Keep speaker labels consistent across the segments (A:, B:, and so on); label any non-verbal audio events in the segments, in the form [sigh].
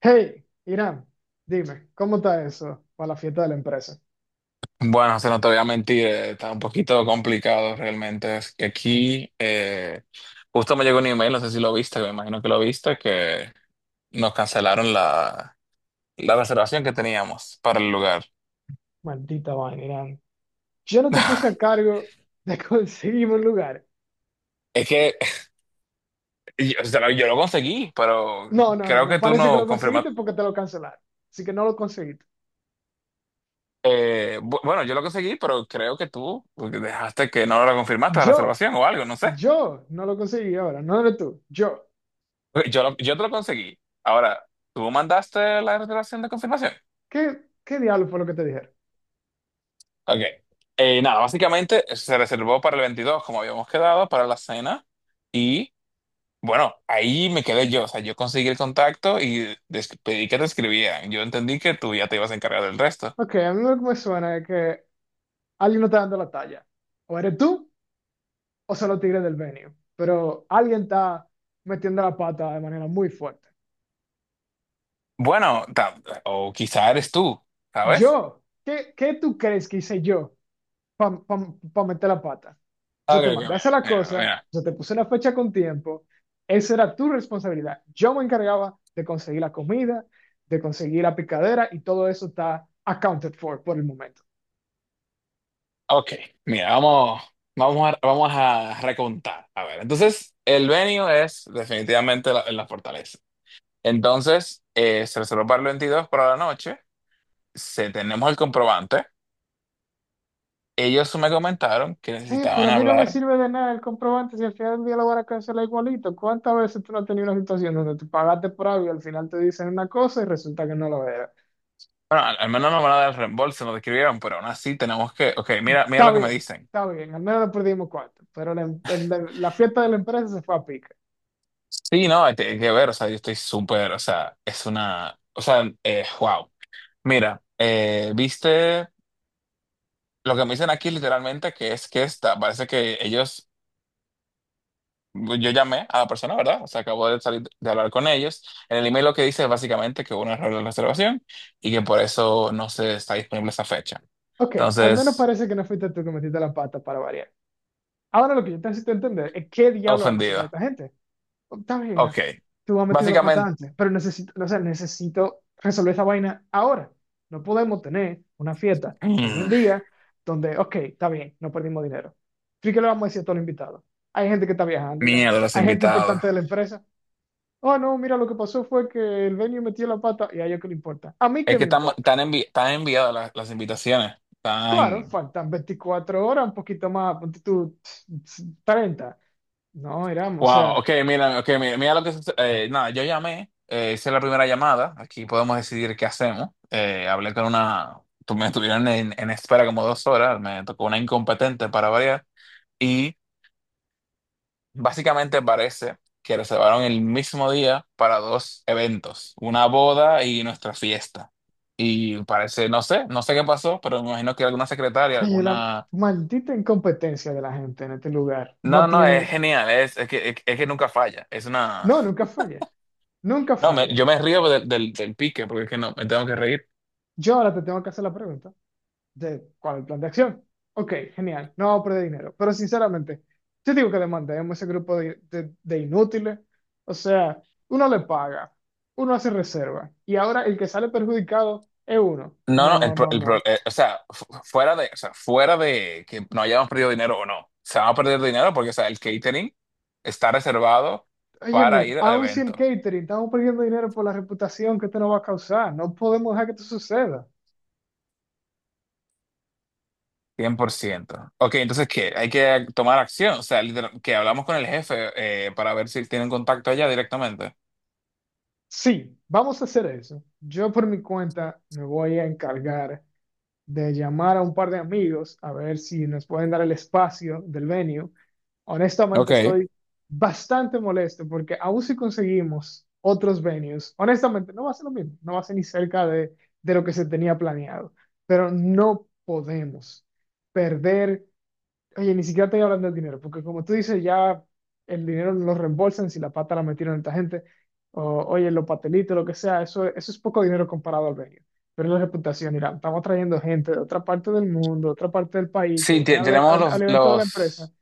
A: Hey, Irán, dime, ¿cómo está eso para la fiesta de la empresa?
B: Bueno, se no te voy a mentir, está un poquito complicado realmente. Es que aquí justo me llegó un email, no sé si lo viste, me imagino que lo viste, que nos cancelaron la reservación que teníamos para el lugar.
A: Maldita vaina, Irán. Yo no te puse a
B: [laughs]
A: cargo de [laughs] conseguirme un lugar.
B: Es que [laughs] yo lo conseguí, pero
A: No, no, no,
B: creo
A: no.
B: que tú
A: Parece que
B: no
A: lo conseguiste
B: confirmaste.
A: porque te lo cancelaron. Así que no lo conseguiste.
B: Bueno, yo lo conseguí, pero creo que tú dejaste que no lo confirmaste la
A: Yo,
B: reservación o algo, no sé.
A: yo no lo conseguí ahora. No eres tú, yo.
B: Ok. Yo te lo conseguí. Ahora, ¿tú mandaste la reservación de confirmación?
A: ¿Qué diablo fue lo que te dijeron?
B: Ok. Nada, básicamente se reservó para el 22 como habíamos quedado, para la cena. Y bueno, ahí me quedé yo. O sea, yo conseguí el contacto y pedí que te escribieran. Yo entendí que tú ya te ibas a encargar del resto.
A: Ok, a mí lo que me suena es que alguien no está dando la talla. O eres tú o son los tigres del venue. Pero alguien está metiendo la pata de manera muy fuerte.
B: Bueno, o quizá eres tú, ¿sabes?
A: Yo, ¿qué tú crees que hice yo para meter la pata?
B: Ok,
A: Yo te
B: ok,
A: mandé a hacer la cosa,
B: mira.
A: yo te puse la fecha con tiempo, esa era tu responsabilidad. Yo me encargaba de conseguir la comida, de conseguir la picadera y todo eso está accounted for por el momento.
B: Ok, mira, vamos a recontar. A ver, entonces, el venue es definitivamente la fortaleza. Entonces, se reservó para el 22 para la noche. Se tenemos el comprobante. Ellos me comentaron que
A: Pero
B: necesitaban
A: a mí no me
B: hablar.
A: sirve de nada el comprobante si al final del día lo van a cancelar igualito. ¿Cuántas veces tú no has tenido una situación donde tú pagaste por algo y al final te dicen una cosa y resulta que no lo era?
B: Bueno, al menos no van a dar reembolso, nos describieron, pero aún así tenemos que. Ok, mira
A: Está
B: lo que me
A: bien,
B: dicen.
A: está bien, al menos no perdimos cuatro, pero la fiesta de la empresa se fue a pique.
B: Sí, no, hay que ver, o sea, yo estoy súper, o sea, es una. O sea, wow. Mira, viste lo que me dicen aquí literalmente, que es que está, parece que ellos. Yo llamé a la persona, ¿verdad? O sea, acabo de salir de hablar con ellos. En el email lo que dice es básicamente que hubo un error de reservación y que por eso no se está disponible esa fecha.
A: Ok, al menos
B: Entonces,
A: parece que no fuiste tú que metiste la pata para variar. Ahora lo que yo necesito entender es qué diablo vamos a sacar a
B: ofendido.
A: esta gente. Oh, está bien, Ra,
B: Ok.
A: tú has metido la pata
B: Básicamente,
A: antes, pero necesito, o sea, necesito resolver esa vaina ahora. No podemos tener una fiesta
B: [clears throat]
A: que en un
B: mm,
A: día donde, ok, está bien, no perdimos dinero. ¿Y qué le vamos a decir a todos los invitados? Hay gente que está viajando, Irán.
B: miedo a los
A: Hay gente
B: invitados.
A: importante de la empresa. Oh, no, mira, lo que pasó fue que el venue metió la pata y a ellos que le importa. A mí
B: Es
A: qué
B: que
A: me importa.
B: están enviadas las invitaciones.
A: Claro,
B: Están.
A: faltan 24 horas, un poquito más, ponte tú 30. No, éramos, o
B: Wow,
A: sea,
B: ok, mira, ok, mira lo que sucede. Nada, yo llamé, hice la primera llamada, aquí podemos decidir qué hacemos. Hablé con una, me estuvieron en espera como 2 horas, me tocó una incompetente para variar y básicamente parece que reservaron el mismo día para dos eventos, una boda y nuestra fiesta. Y parece, no sé, no sé qué pasó, pero me imagino que alguna secretaria,
A: oye, la
B: alguna...
A: maldita incompetencia de la gente en este lugar
B: No,
A: no
B: no, es
A: tiene,
B: genial, es que nunca falla, es una...
A: no, nunca falla, nunca
B: No,
A: falla.
B: yo me río del pique porque es que no, me tengo que reír.
A: Yo ahora te tengo que hacer la pregunta. De, ¿cuál es el plan de acción? Ok, genial, no vamos a perder dinero. Pero sinceramente, yo digo que demandemos ese grupo de, de inútiles. O sea, uno le paga, uno hace reserva, y ahora el que sale perjudicado es uno.
B: No, no,
A: No, no,
B: el pro-
A: no.
B: o sea, fu- fuera de, o sea, fuera de que no hayamos perdido dinero o no, se va a perder dinero porque, o sea, el catering está reservado
A: Óyeme,
B: para ir al
A: aun si el
B: evento,
A: catering, estamos perdiendo dinero por la reputación que esto nos va a causar. No podemos dejar que esto suceda.
B: 100%. Ok, entonces, ¿qué? Hay que tomar acción, o sea, que hablamos con el jefe para ver si tienen contacto allá directamente.
A: Sí, vamos a hacer eso. Yo por mi cuenta me voy a encargar de llamar a un par de amigos a ver si nos pueden dar el espacio del venue. Honestamente,
B: Ok.
A: estoy bastante molesto porque aún si conseguimos otros venues, honestamente, no va a ser lo mismo, no va a ser ni cerca de lo que se tenía planeado, pero no podemos perder. Oye, ni siquiera estoy hablando del dinero, porque como tú dices, ya el dinero lo reembolsan si la pata la metieron esta gente, o oye, los patelitos, lo que sea, eso es poco dinero comparado al venio. Pero es la reputación, Irán, estamos trayendo gente de otra parte del mundo, de otra parte del país, que
B: Sí,
A: vienen al, al evento de la empresa.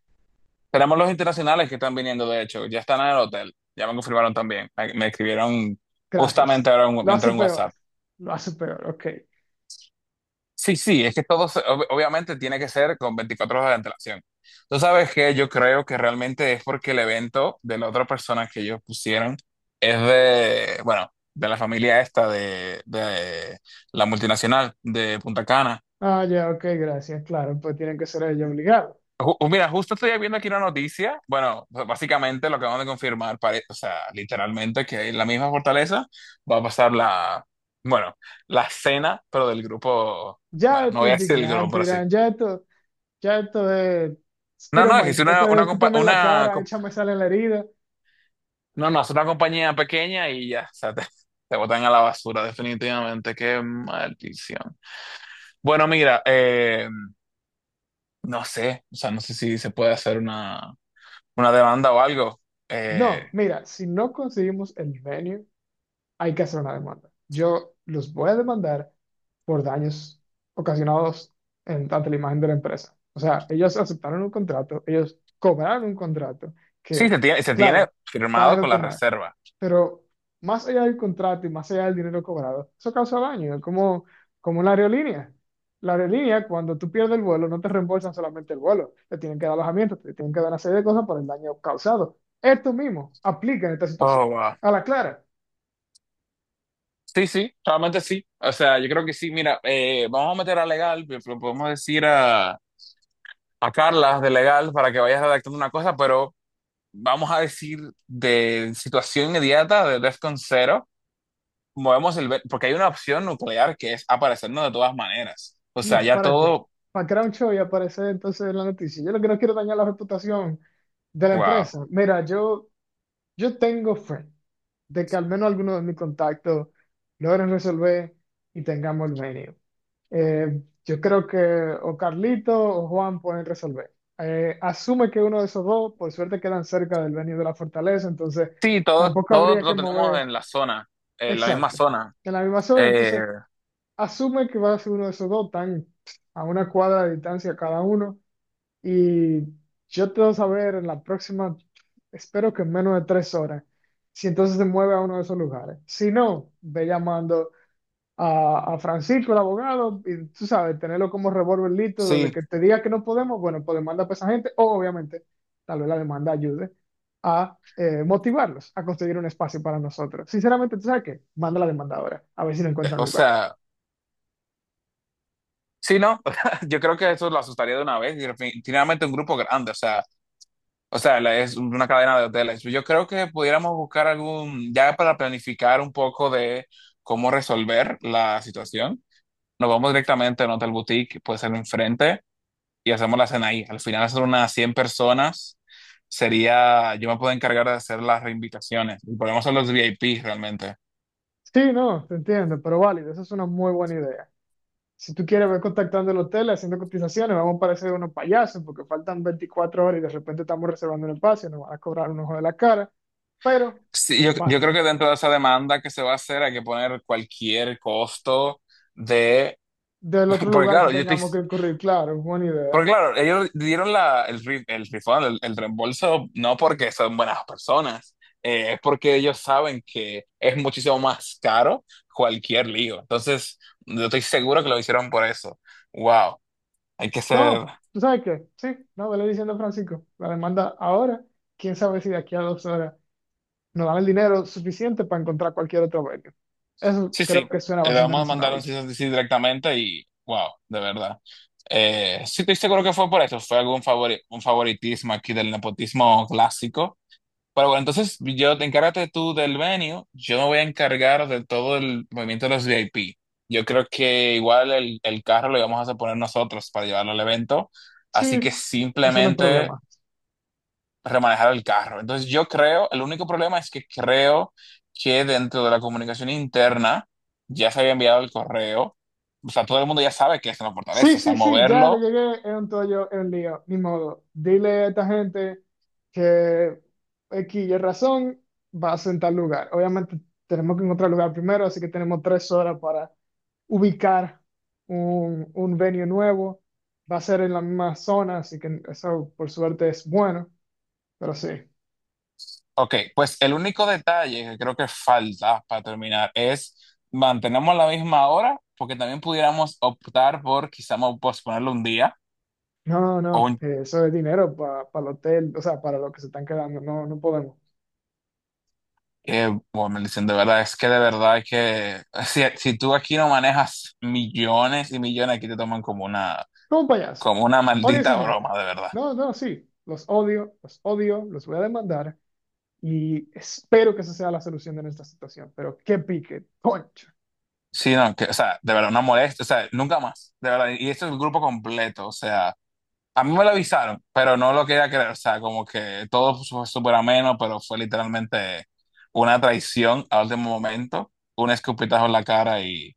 B: tenemos los internacionales que están viniendo, de hecho, ya están en el hotel, ya me confirmaron también, me escribieron justamente
A: Gracias.
B: ahora,
A: Lo
B: me
A: hace
B: entró un
A: peor,
B: WhatsApp.
A: lo hace peor, ok.
B: Sí, sí, es que todo, obviamente tiene que ser con 24 horas de antelación. Tú sabes que yo creo que realmente es porque el evento de la otra persona que ellos pusieron es de, bueno, de la familia esta de la multinacional de Punta Cana.
A: Ah, ya, ok, gracias, claro, pues tienen que ser ellos obligados.
B: Mira, justo estoy viendo aquí una noticia. Bueno, básicamente lo que vamos de confirmar, o sea, literalmente que en la misma fortaleza va a pasar la, bueno, la cena, pero del grupo,
A: Ya
B: bueno, no
A: esto es
B: voy a decir el grupo,
A: indignante,
B: pero sí.
A: Irán, ya esto es,
B: No,
A: tiro
B: no, es que
A: My,
B: es
A: esto es
B: una, compa-
A: escúpeme en la
B: una
A: cara,
B: co-
A: échame sal en la herida.
B: no, no, es una compañía pequeña y ya, o sea, te botan a la basura definitivamente. Qué maldición. Bueno, mira, no sé, o sea, no sé si se puede hacer una demanda o algo. Eh,
A: No, mira, si no conseguimos el venue, hay que hacer una demanda. Yo los voy a demandar por daños ocasionados en, tanto la imagen de la empresa. O sea, ellos aceptaron un contrato, ellos cobraron un contrato
B: Sí,
A: que,
B: se tiene
A: claro, van
B: firmado
A: a
B: con la
A: retornar.
B: reserva.
A: Pero más allá del contrato y más allá del dinero cobrado, eso causa daño, es como, como la aerolínea. La aerolínea, cuando tú pierdes el vuelo, no te reembolsan solamente el vuelo, te tienen que dar alojamiento, te tienen que dar una serie de cosas por el daño causado. Esto mismo aplica en esta situación.
B: Oh, wow.
A: A la clara.
B: Sí, sí, realmente sí. O sea, yo creo que sí. Mira, vamos a meter a legal, podemos decir a Carla de legal para que vayas redactando una cosa, pero vamos a decir de situación inmediata, de DEFCON 0, movemos el... Porque hay una opción nuclear que es aparecernos de todas maneras. O sea,
A: No,
B: ya
A: ¿para qué?
B: todo,
A: Para crear un show y aparecer entonces en la noticia. Yo lo que no quiero dañar la reputación de la
B: wow.
A: empresa. Mira, yo tengo fe de que al menos algunos de mis contactos logren resolver y tengamos el venue. Yo creo que o Carlito o Juan pueden resolver. Asume que uno de esos dos, por suerte, quedan cerca del venue de la fortaleza, entonces
B: Sí,
A: tampoco
B: todo
A: habría que
B: lo tenemos
A: mover.
B: en la zona, en la misma
A: Exacto.
B: zona.
A: En la misma zona,
B: Eh,
A: entonces asume que va a ser uno de esos dos, tan a una cuadra de distancia cada uno. Y yo te voy a saber en la próxima, espero que en menos de 3 horas, si entonces se mueve a uno de esos lugares. Si no, ve llamando a Francisco, el abogado, y tú sabes, tenerlo como revólver listo, desde
B: sí,
A: que te diga que no podemos, bueno, pues demanda a esa gente, o obviamente, tal vez la demanda ayude a motivarlos a conseguir un espacio para nosotros. Sinceramente, ¿tú sabes qué? Manda la demanda ahora, a ver si le encuentran
B: o
A: lugar.
B: sea... Sí, no, [laughs] yo creo que eso lo asustaría de una vez y definitivamente un grupo grande, o sea, es una cadena de hoteles. Yo creo que pudiéramos buscar algún, ya para planificar un poco de cómo resolver la situación, nos vamos directamente a un hotel boutique, puede ser enfrente, y hacemos la cena ahí. Al final son unas 100 personas, sería, yo me puedo encargar de hacer las reinvitaciones y podemos hacer los VIP realmente.
A: Sí, no, te entiendo, pero válido, esa es una muy buena idea. Si tú quieres, ve contactando el hotel, haciendo cotizaciones, vamos a parecer unos payasos porque faltan 24 horas y de repente estamos reservando un espacio, nos van a cobrar un ojo de la cara, pero
B: Sí, yo creo
A: válido.
B: que dentro de esa demanda que se va a hacer hay que poner cualquier costo de.
A: Del otro
B: Porque
A: lugar que
B: claro, yo estoy,
A: tengamos que incurrir, claro, es buena
B: porque
A: idea.
B: claro, ellos dieron el refund, el reembolso, no porque son buenas personas, es porque ellos saben que es muchísimo más caro cualquier lío. Entonces, yo estoy seguro que lo hicieron por eso. Wow, hay que
A: No,
B: ser...
A: ¿tú sabes qué? Sí, no, vele diciendo a Francisco, la demanda ahora, quién sabe si de aquí a 2 horas nos dan el dinero suficiente para encontrar cualquier otro venue. Eso
B: Sí,
A: creo
B: sí,
A: que suena
B: le
A: bastante
B: vamos a mandar
A: razonable.
B: un cease and desist directamente y wow, de verdad. Sí, estoy seguro que fue por eso, fue un favoritismo aquí del nepotismo clásico. Pero bueno, entonces yo te encárgate tú del venue, yo me voy a encargar de todo el movimiento de los VIP. Yo creo que igual el carro lo vamos a poner nosotros para llevarlo al evento, así que
A: Sí, eso no es
B: simplemente
A: problema.
B: remanejar el carro. Entonces yo creo, el único problema es que creo que dentro de la comunicación interna ya se había enviado el correo, o sea, todo el mundo ya sabe que es en la
A: Sí,
B: fortaleza, o sea,
A: sí, sí, ya le
B: moverlo.
A: llegué en un tollo, en un lío, ni modo. Dile a esta gente que X y razón vas en tal lugar. Obviamente tenemos que encontrar lugar primero, así que tenemos 3 horas para ubicar un venue nuevo. Va a ser en la misma zona, así que eso por suerte es bueno, pero sí.
B: Ok, pues el único detalle que creo que falta para terminar es mantenemos la misma hora, porque también pudiéramos optar por quizá posponerlo un día
A: No,
B: o
A: no,
B: un.
A: eso es dinero para el hotel, o sea, para lo que se están quedando, no, no podemos.
B: Bueno, me dicen de verdad, es que de verdad hay que. [laughs] Si, si tú aquí no manejas millones y millones, aquí te toman
A: Como payaso.
B: como una
A: Odio a
B: maldita
A: esa gente.
B: broma, de verdad.
A: No, no, sí. Los odio, los odio, los voy a demandar y espero que esa sea la solución de nuestra situación. Pero qué pique, concha.
B: Sí, no, que, o sea, de verdad, una molestia, o sea, nunca más, de verdad. Y esto es el grupo completo, o sea. A mí me lo avisaron, pero no lo quería creer. O sea, como que todo fue súper ameno, pero fue literalmente una traición al último momento, un escupitajo en la cara y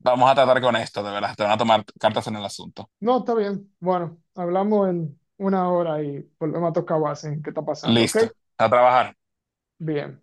B: vamos a tratar con esto, de verdad. Te van a tomar cartas en el asunto.
A: No, está bien. Bueno, hablamos en una hora y volvemos a tocar base en qué está pasando, ¿ok?
B: Listo, a trabajar.
A: Bien.